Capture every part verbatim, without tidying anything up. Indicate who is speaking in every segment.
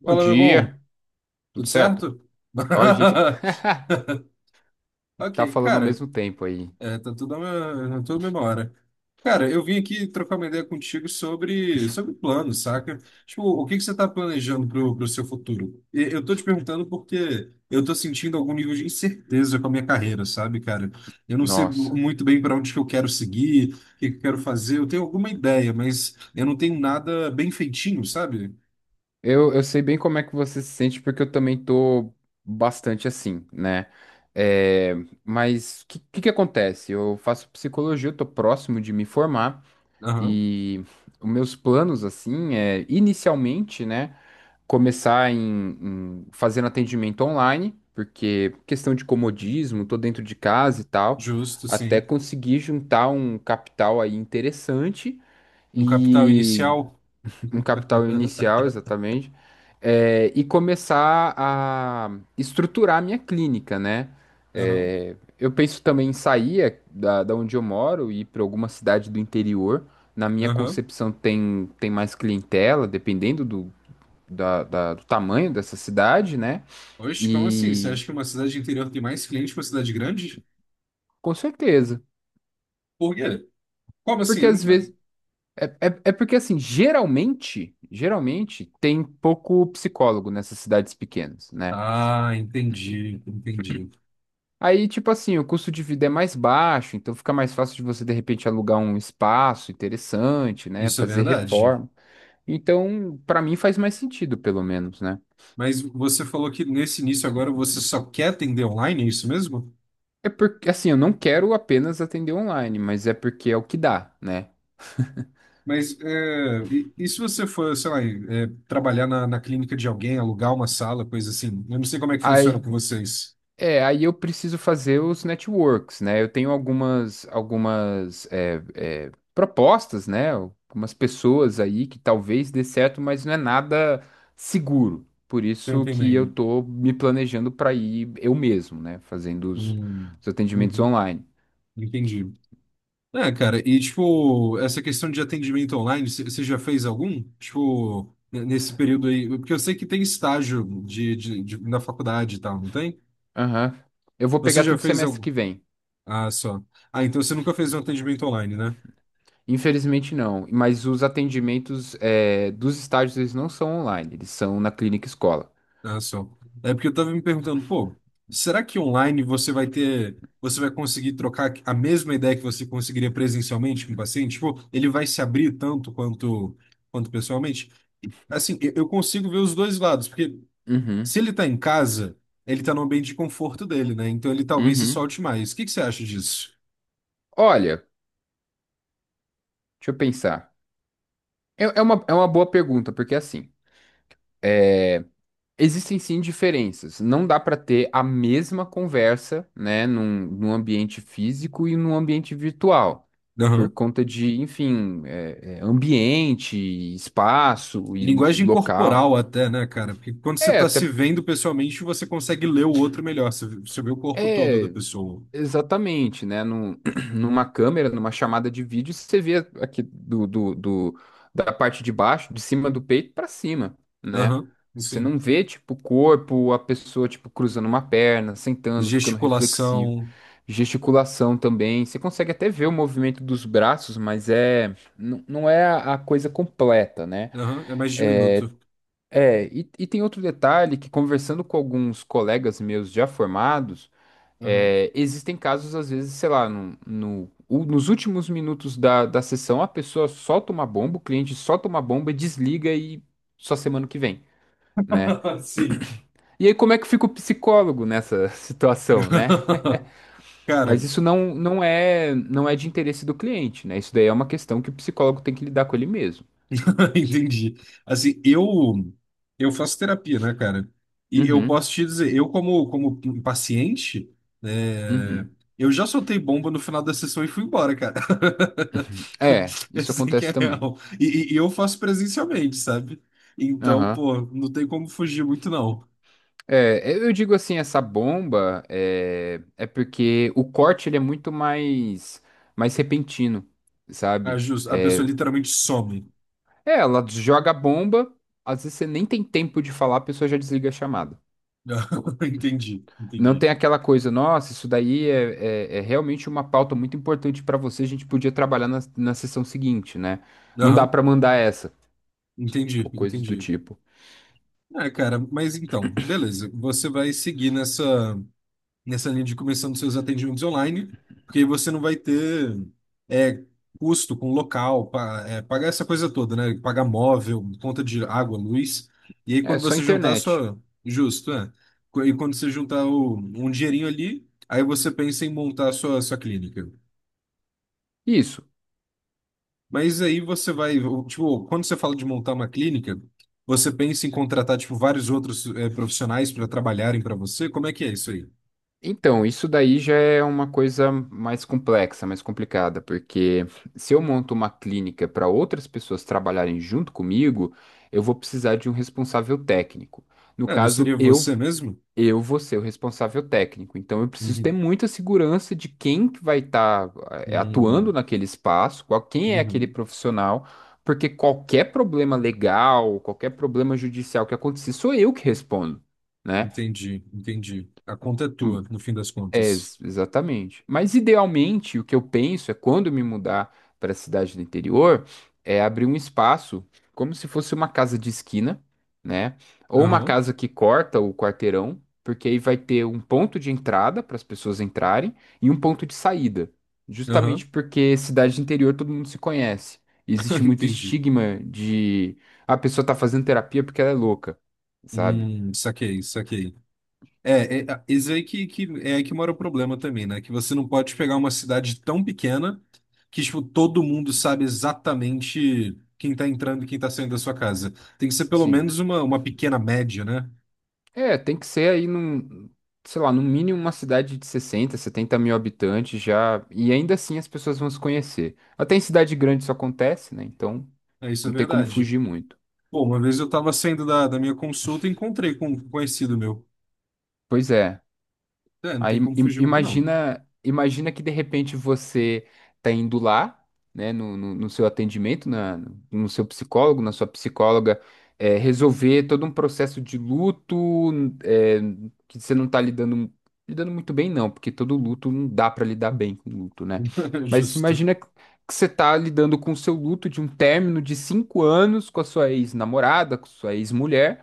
Speaker 1: Bom
Speaker 2: Fala, meu bom.
Speaker 1: dia,
Speaker 2: Tudo
Speaker 1: tudo certo?
Speaker 2: certo?
Speaker 1: Ó, a gente tá
Speaker 2: Ok,
Speaker 1: falando ao
Speaker 2: cara,
Speaker 1: mesmo tempo aí.
Speaker 2: é, tá tudo na, tudo na mesma hora. Cara, eu vim aqui trocar uma ideia contigo sobre, sobre planos, saca? Tipo, o que que você tá planejando pro, pro seu futuro? E eu tô te perguntando porque eu tô sentindo algum nível de incerteza com a minha carreira, sabe, cara? Eu não sei
Speaker 1: Nossa,
Speaker 2: muito bem para onde que eu quero seguir, o que que eu quero fazer. Eu tenho alguma ideia, mas eu não tenho nada bem feitinho, sabe?
Speaker 1: eu, eu sei bem como é que você se sente, porque eu também tô bastante assim, né? É, mas o que, que que acontece? Eu faço psicologia, eu tô próximo de me formar,
Speaker 2: Aham,
Speaker 1: e os meus planos, assim, é inicialmente, né? Começar em, em fazendo atendimento online, porque questão de comodismo, tô dentro de casa e tal,
Speaker 2: justo,
Speaker 1: até
Speaker 2: sim.
Speaker 1: conseguir juntar um capital aí interessante
Speaker 2: Um capital
Speaker 1: e
Speaker 2: inicial.
Speaker 1: um capital inicial, exatamente, é, e começar a estruturar a minha clínica, né?
Speaker 2: Aham,
Speaker 1: É, eu penso também em sair eh, da, da onde eu moro e ir para alguma cidade do interior. Na minha
Speaker 2: aham.
Speaker 1: concepção, tem, tem mais clientela, dependendo do, da, da- do tamanho dessa cidade, né?
Speaker 2: Oxe, como assim? Você acha
Speaker 1: E
Speaker 2: que uma cidade interior tem mais clientes que uma cidade grande?
Speaker 1: com certeza.
Speaker 2: Por quê? Como assim?
Speaker 1: Porque
Speaker 2: Eu
Speaker 1: às
Speaker 2: não-
Speaker 1: vezes. É, é, é porque assim, geralmente, geralmente tem pouco psicólogo nessas cidades pequenas, né?
Speaker 2: Ah, entendi, entendi.
Speaker 1: Aí, tipo assim, o custo de vida é mais baixo, então fica mais fácil de você, de repente, alugar um espaço interessante, né?
Speaker 2: Isso é
Speaker 1: Fazer
Speaker 2: verdade.
Speaker 1: reforma. Então, pra mim faz mais sentido, pelo menos, né?
Speaker 2: Mas você falou que nesse início agora você só quer atender online, é isso mesmo?
Speaker 1: É porque, assim, eu não quero apenas atender online, mas é porque é o que dá, né?
Speaker 2: Mas é, e, e se você for, sei lá, é, trabalhar na, na clínica de alguém, alugar uma sala, coisa assim? Eu não sei como é que funciona
Speaker 1: Aí,
Speaker 2: com vocês.
Speaker 1: É, aí eu preciso fazer os networks, né? Eu tenho algumas, algumas é, é, propostas, né? Algumas pessoas aí que talvez dê certo, mas não é nada seguro. Por
Speaker 2: Tô
Speaker 1: isso que eu
Speaker 2: entendendo.
Speaker 1: tô me planejando para ir eu mesmo, né? Fazendo os,
Speaker 2: Hum,
Speaker 1: os atendimentos
Speaker 2: uhum,
Speaker 1: online.
Speaker 2: entendi. É, cara, e tipo, essa questão de atendimento online, você já fez algum? Tipo, n- nesse período aí, porque eu sei que tem estágio de, de, de- na faculdade e tal, não tem?
Speaker 1: Aham. Eu vou
Speaker 2: Você
Speaker 1: pegar
Speaker 2: já
Speaker 1: tudo
Speaker 2: fez
Speaker 1: semestre
Speaker 2: algum?
Speaker 1: que vem.
Speaker 2: Ah, só. Ah, então você nunca fez um atendimento online, né?
Speaker 1: Infelizmente não, mas os atendimentos é, dos estágios eles não são online, eles são na clínica escola.
Speaker 2: Ah, só. É porque eu tava me perguntando, pô, será que online você vai ter, você vai conseguir trocar a mesma ideia que você conseguiria presencialmente com o paciente? Tipo, ele vai se abrir tanto quanto, quanto pessoalmente? Assim, eu eu consigo ver os dois lados, porque
Speaker 1: Uhum,
Speaker 2: se ele tá em casa, ele tá no ambiente de conforto dele, né? Então ele talvez se
Speaker 1: uhum.
Speaker 2: solte mais. O que que você acha disso?
Speaker 1: Olha, deixa eu pensar. É, é uma, é uma, boa pergunta, porque assim, existem sim diferenças. Não dá para ter a mesma conversa, né, num, num ambiente físico e num ambiente virtual, por
Speaker 2: Aham.
Speaker 1: conta de, enfim, é, é, ambiente, espaço e
Speaker 2: Linguagem
Speaker 1: local.
Speaker 2: corporal até, né, cara? Porque quando você
Speaker 1: É,
Speaker 2: tá
Speaker 1: até.
Speaker 2: se vendo pessoalmente, você consegue ler o outro melhor. Você você vê o corpo todo da
Speaker 1: É,
Speaker 2: pessoa.
Speaker 1: Exatamente, né? Num, numa câmera, numa chamada de vídeo, você vê aqui do, do, do- da parte de baixo, de cima do peito para cima, né?
Speaker 2: Aham.
Speaker 1: Você não
Speaker 2: Sim.
Speaker 1: vê, tipo, o corpo, a pessoa, tipo, cruzando uma perna, sentando, ficando reflexivo.
Speaker 2: Gesticulação.
Speaker 1: Gesticulação também. Você consegue até ver o movimento dos braços, mas é, não não é a a coisa completa, né?
Speaker 2: Aham. É mais diminuto.
Speaker 1: É, e, e tem outro detalhe que conversando com alguns colegas meus já formados,
Speaker 2: Aham.
Speaker 1: é, existem casos, às vezes, sei lá, no, no- u- nos últimos minutos da, da sessão, a pessoa solta uma bomba, o cliente solta uma bomba, desliga e só semana que vem, né?
Speaker 2: Sim.
Speaker 1: E aí, como é que fica o psicólogo nessa situação, né?
Speaker 2: Cara,
Speaker 1: Mas isso não, não é, não é de interesse do cliente, né? Isso daí é uma questão que o psicólogo tem que lidar com ele mesmo.
Speaker 2: entendi. Assim, eu eu faço terapia, né, cara? E eu
Speaker 1: Uhum,
Speaker 2: posso te dizer, eu como como paciente, é,
Speaker 1: uhum.
Speaker 2: eu já soltei bomba no final da sessão e fui embora, cara.
Speaker 1: É, isso
Speaker 2: Assim que é
Speaker 1: acontece também.
Speaker 2: real. E, e- e eu faço presencialmente, sabe? Então,
Speaker 1: Aham.
Speaker 2: pô, não tem como fugir muito, não.
Speaker 1: É, eu eu digo assim, essa bomba é, é porque o corte ele é muito mais mais repentino,
Speaker 2: A,
Speaker 1: sabe?
Speaker 2: jus- a pessoa literalmente some.
Speaker 1: É, ela joga a bomba, às vezes você nem tem tempo de falar, a pessoa já desliga a chamada.
Speaker 2: Entendi,
Speaker 1: Não
Speaker 2: entendi.
Speaker 1: tem aquela coisa, nossa, isso daí é, é, é realmente uma pauta muito importante pra você, a gente podia trabalhar na, na sessão seguinte, né? Não dá
Speaker 2: Aham,
Speaker 1: pra mandar essa,
Speaker 2: entendi,
Speaker 1: ou coisas do
Speaker 2: entendi.
Speaker 1: tipo.
Speaker 2: Ah, cara, mas então, beleza. Você vai seguir nessa. Nessa linha de começando seus atendimentos online, porque aí você não vai ter é, custo com local, pa- é, pagar essa coisa toda, né? Pagar móvel, conta de água, luz. E aí
Speaker 1: É,
Speaker 2: quando
Speaker 1: só
Speaker 2: você juntar a
Speaker 1: internet.
Speaker 2: sua. Justo, é. Co- E quando você juntar o- um dinheirinho ali, aí você pensa em montar a sua, sua clínica.
Speaker 1: Isso.
Speaker 2: Mas aí você vai. Tipo, quando você fala de montar uma clínica, você pensa em contratar, tipo, vários outros é, profissionais para trabalharem para você? Como é que é isso aí?
Speaker 1: Então, isso daí já é uma coisa mais complexa, mais complicada, porque se eu monto uma clínica para outras pessoas trabalharem junto comigo, eu vou precisar de um responsável técnico. No
Speaker 2: Ah, não
Speaker 1: caso,
Speaker 2: seria
Speaker 1: eu
Speaker 2: você mesmo?
Speaker 1: eu vou ser o responsável técnico. Então, eu preciso ter
Speaker 2: Uhum.
Speaker 1: muita segurança de quem que vai estar atuando
Speaker 2: Hum.
Speaker 1: naquele espaço, qual quem é aquele
Speaker 2: Uhum.
Speaker 1: profissional, porque qualquer problema legal, qualquer problema judicial que acontecer, sou eu que respondo, né?
Speaker 2: Entendi, entendi. A conta é tua, no fim das
Speaker 1: É,
Speaker 2: contas.
Speaker 1: ex- exatamente. Mas idealmente, o que eu penso é quando eu me mudar para a cidade do interior, é abrir um espaço como se fosse uma casa de esquina, né? Ou uma
Speaker 2: Aham,
Speaker 1: casa que corta o quarteirão, porque aí vai ter um ponto de entrada para as pessoas entrarem e um ponto de saída.
Speaker 2: aham,
Speaker 1: Justamente porque cidade de interior todo mundo se conhece. Existe muito
Speaker 2: entendi.
Speaker 1: estigma de: "Ah, a pessoa tá fazendo terapia porque ela é louca", sabe?
Speaker 2: Hum, saquei, saquei. É, é, é isso aí que, que é aí que mora o problema também, né? Que você não pode pegar uma cidade tão pequena que, tipo, todo mundo sabe exatamente quem tá entrando e quem tá saindo da sua casa. Tem que ser pelo
Speaker 1: Sim.
Speaker 2: menos uma, uma pequena média, né?
Speaker 1: É, tem que ser aí num, sei lá, no mínimo uma cidade de sessenta, setenta mil habitantes já, e ainda assim as pessoas vão se conhecer. Até em cidade grande isso acontece, né? Então
Speaker 2: É, isso é
Speaker 1: não tem como
Speaker 2: verdade.
Speaker 1: fugir muito.
Speaker 2: Pô, uma vez eu tava saindo da, da minha consulta e encontrei com um conhecido meu.
Speaker 1: Pois é.
Speaker 2: É, não
Speaker 1: Aí
Speaker 2: tem como
Speaker 1: im-
Speaker 2: fugir muito, não.
Speaker 1: imagina, imagina que de repente você tá indo lá, né, no, no, no seu atendimento, na, no seu psicólogo, na sua psicóloga, é, resolver todo um processo de luto, é, que você não tá lidando, lidando muito bem, não, porque todo luto não dá para lidar bem com luto, né? Mas
Speaker 2: Justo.
Speaker 1: imagina que que você tá lidando com o seu luto de um término de cinco anos com a sua ex-namorada, com sua ex-mulher.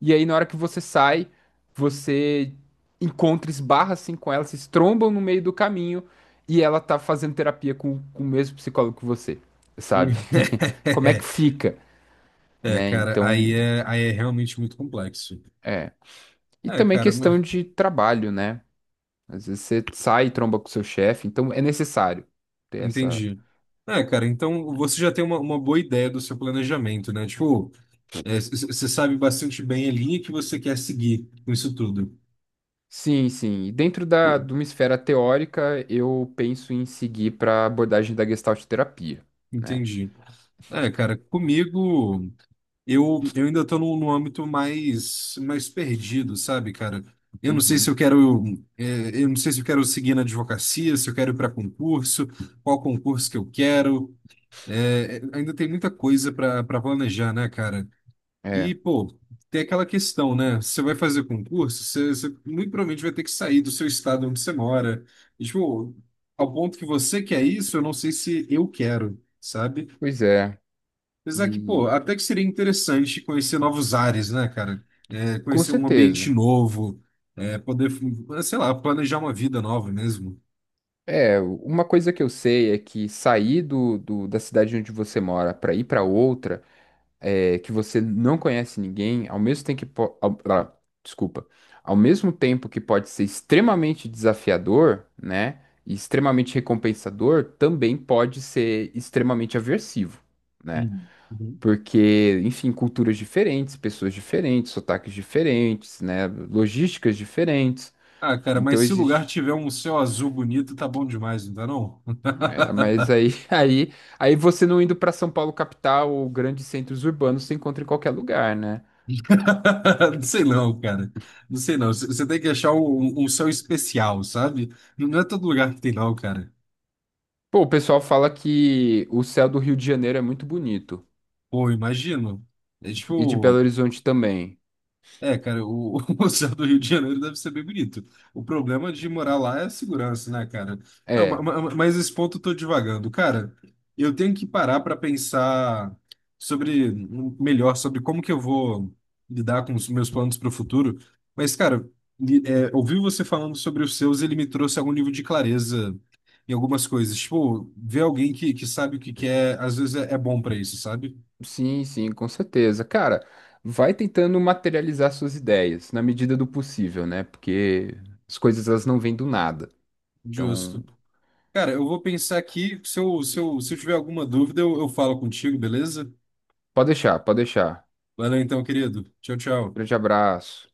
Speaker 1: E aí, na hora que você sai, você encontra, esbarra assim com ela, se trombam no meio do caminho e ela tá fazendo terapia com, com o mesmo psicólogo que você, sabe? Como é que fica,
Speaker 2: É,
Speaker 1: né?
Speaker 2: cara,
Speaker 1: Então,
Speaker 2: aí é, aí é realmente muito complexo.
Speaker 1: é. E
Speaker 2: É,
Speaker 1: também
Speaker 2: cara, mas
Speaker 1: questão de trabalho, né? Às vezes você sai e tromba com o seu chefe, então é necessário ter essa.
Speaker 2: entendi. É, cara, então você já tem uma, uma boa ideia do seu planejamento, né? Tipo, você sabe bastante bem a linha que você quer seguir com isso tudo.
Speaker 1: Sim, sim. E dentro da,
Speaker 2: Pô,
Speaker 1: de uma esfera teórica, eu penso em seguir para a abordagem da Gestalt terapia, né?
Speaker 2: entendi. É, cara, comigo eu, eu ainda tô num, num âmbito mais, mais perdido, sabe, cara? Eu não sei se
Speaker 1: Uhum.
Speaker 2: eu quero, é, eu não sei se eu quero seguir na advocacia, se eu quero ir para concurso, qual concurso que eu quero. É, é, ainda tem muita coisa para para planejar, né, cara?
Speaker 1: É,
Speaker 2: E, pô, tem aquela questão, né? Você vai fazer concurso, você, você muito provavelmente vai ter que sair do seu estado onde você mora. E, tipo, ao ponto que você quer isso, eu não sei se eu quero, sabe?
Speaker 1: pois é.
Speaker 2: Apesar que, pô,
Speaker 1: E
Speaker 2: até que seria interessante conhecer novos ares, né, cara? É,
Speaker 1: com
Speaker 2: conhecer um ambiente
Speaker 1: certeza.
Speaker 2: novo, é, poder, sei lá, planejar uma vida nova mesmo.
Speaker 1: É, uma coisa que eu sei é que sair do, do- da cidade onde você mora para ir para outra, é, que você não conhece ninguém, ao mesmo tempo que po- ao- ah, desculpa, ao mesmo tempo que pode ser extremamente desafiador, né, e extremamente recompensador, também pode ser extremamente aversivo, né?
Speaker 2: Uhum.
Speaker 1: Porque, enfim, culturas diferentes, pessoas diferentes, sotaques diferentes, né, logísticas diferentes.
Speaker 2: Ah, cara, mas
Speaker 1: Então
Speaker 2: se o lugar
Speaker 1: existe.
Speaker 2: tiver um céu azul bonito, tá bom demais, não tá não?
Speaker 1: É, mas aí, aí, aí você não indo pra São Paulo capital ou grandes centros urbanos, você encontra em qualquer lugar, né?
Speaker 2: Não sei não, cara. Não sei não. C- Você tem que achar um, um um céu especial, sabe? Não não é todo lugar que tem não, cara.
Speaker 1: Pô, o pessoal fala que o céu do Rio de Janeiro é muito bonito
Speaker 2: Pô, imagino. É
Speaker 1: e de
Speaker 2: tipo,
Speaker 1: Belo Horizonte também.
Speaker 2: É, cara, o, o céu do Rio de Janeiro deve ser bem bonito. O problema de morar lá é a segurança, né, cara? Não, ma-
Speaker 1: É,
Speaker 2: ma- Mas esse ponto eu tô divagando. Cara, eu tenho que parar para pensar sobre hum, melhor sobre como que eu vou lidar com os meus planos para o futuro. Mas, cara, li- é, ouvir você falando sobre os seus, ele me trouxe algum nível de clareza em algumas coisas. Tipo, ver alguém que, que sabe o que quer, às vezes é, é bom para isso, sabe?
Speaker 1: sim, sim, com certeza. Cara, vai tentando materializar suas ideias na medida do possível, né? Porque as coisas elas não vêm do nada. Então,
Speaker 2: Justo. Cara, eu vou pensar aqui. Se eu, se eu, se eu tiver alguma dúvida, eu, eu falo contigo, beleza?
Speaker 1: pode deixar, pode deixar.
Speaker 2: Valeu então, querido. Tchau, tchau.
Speaker 1: Grande abraço.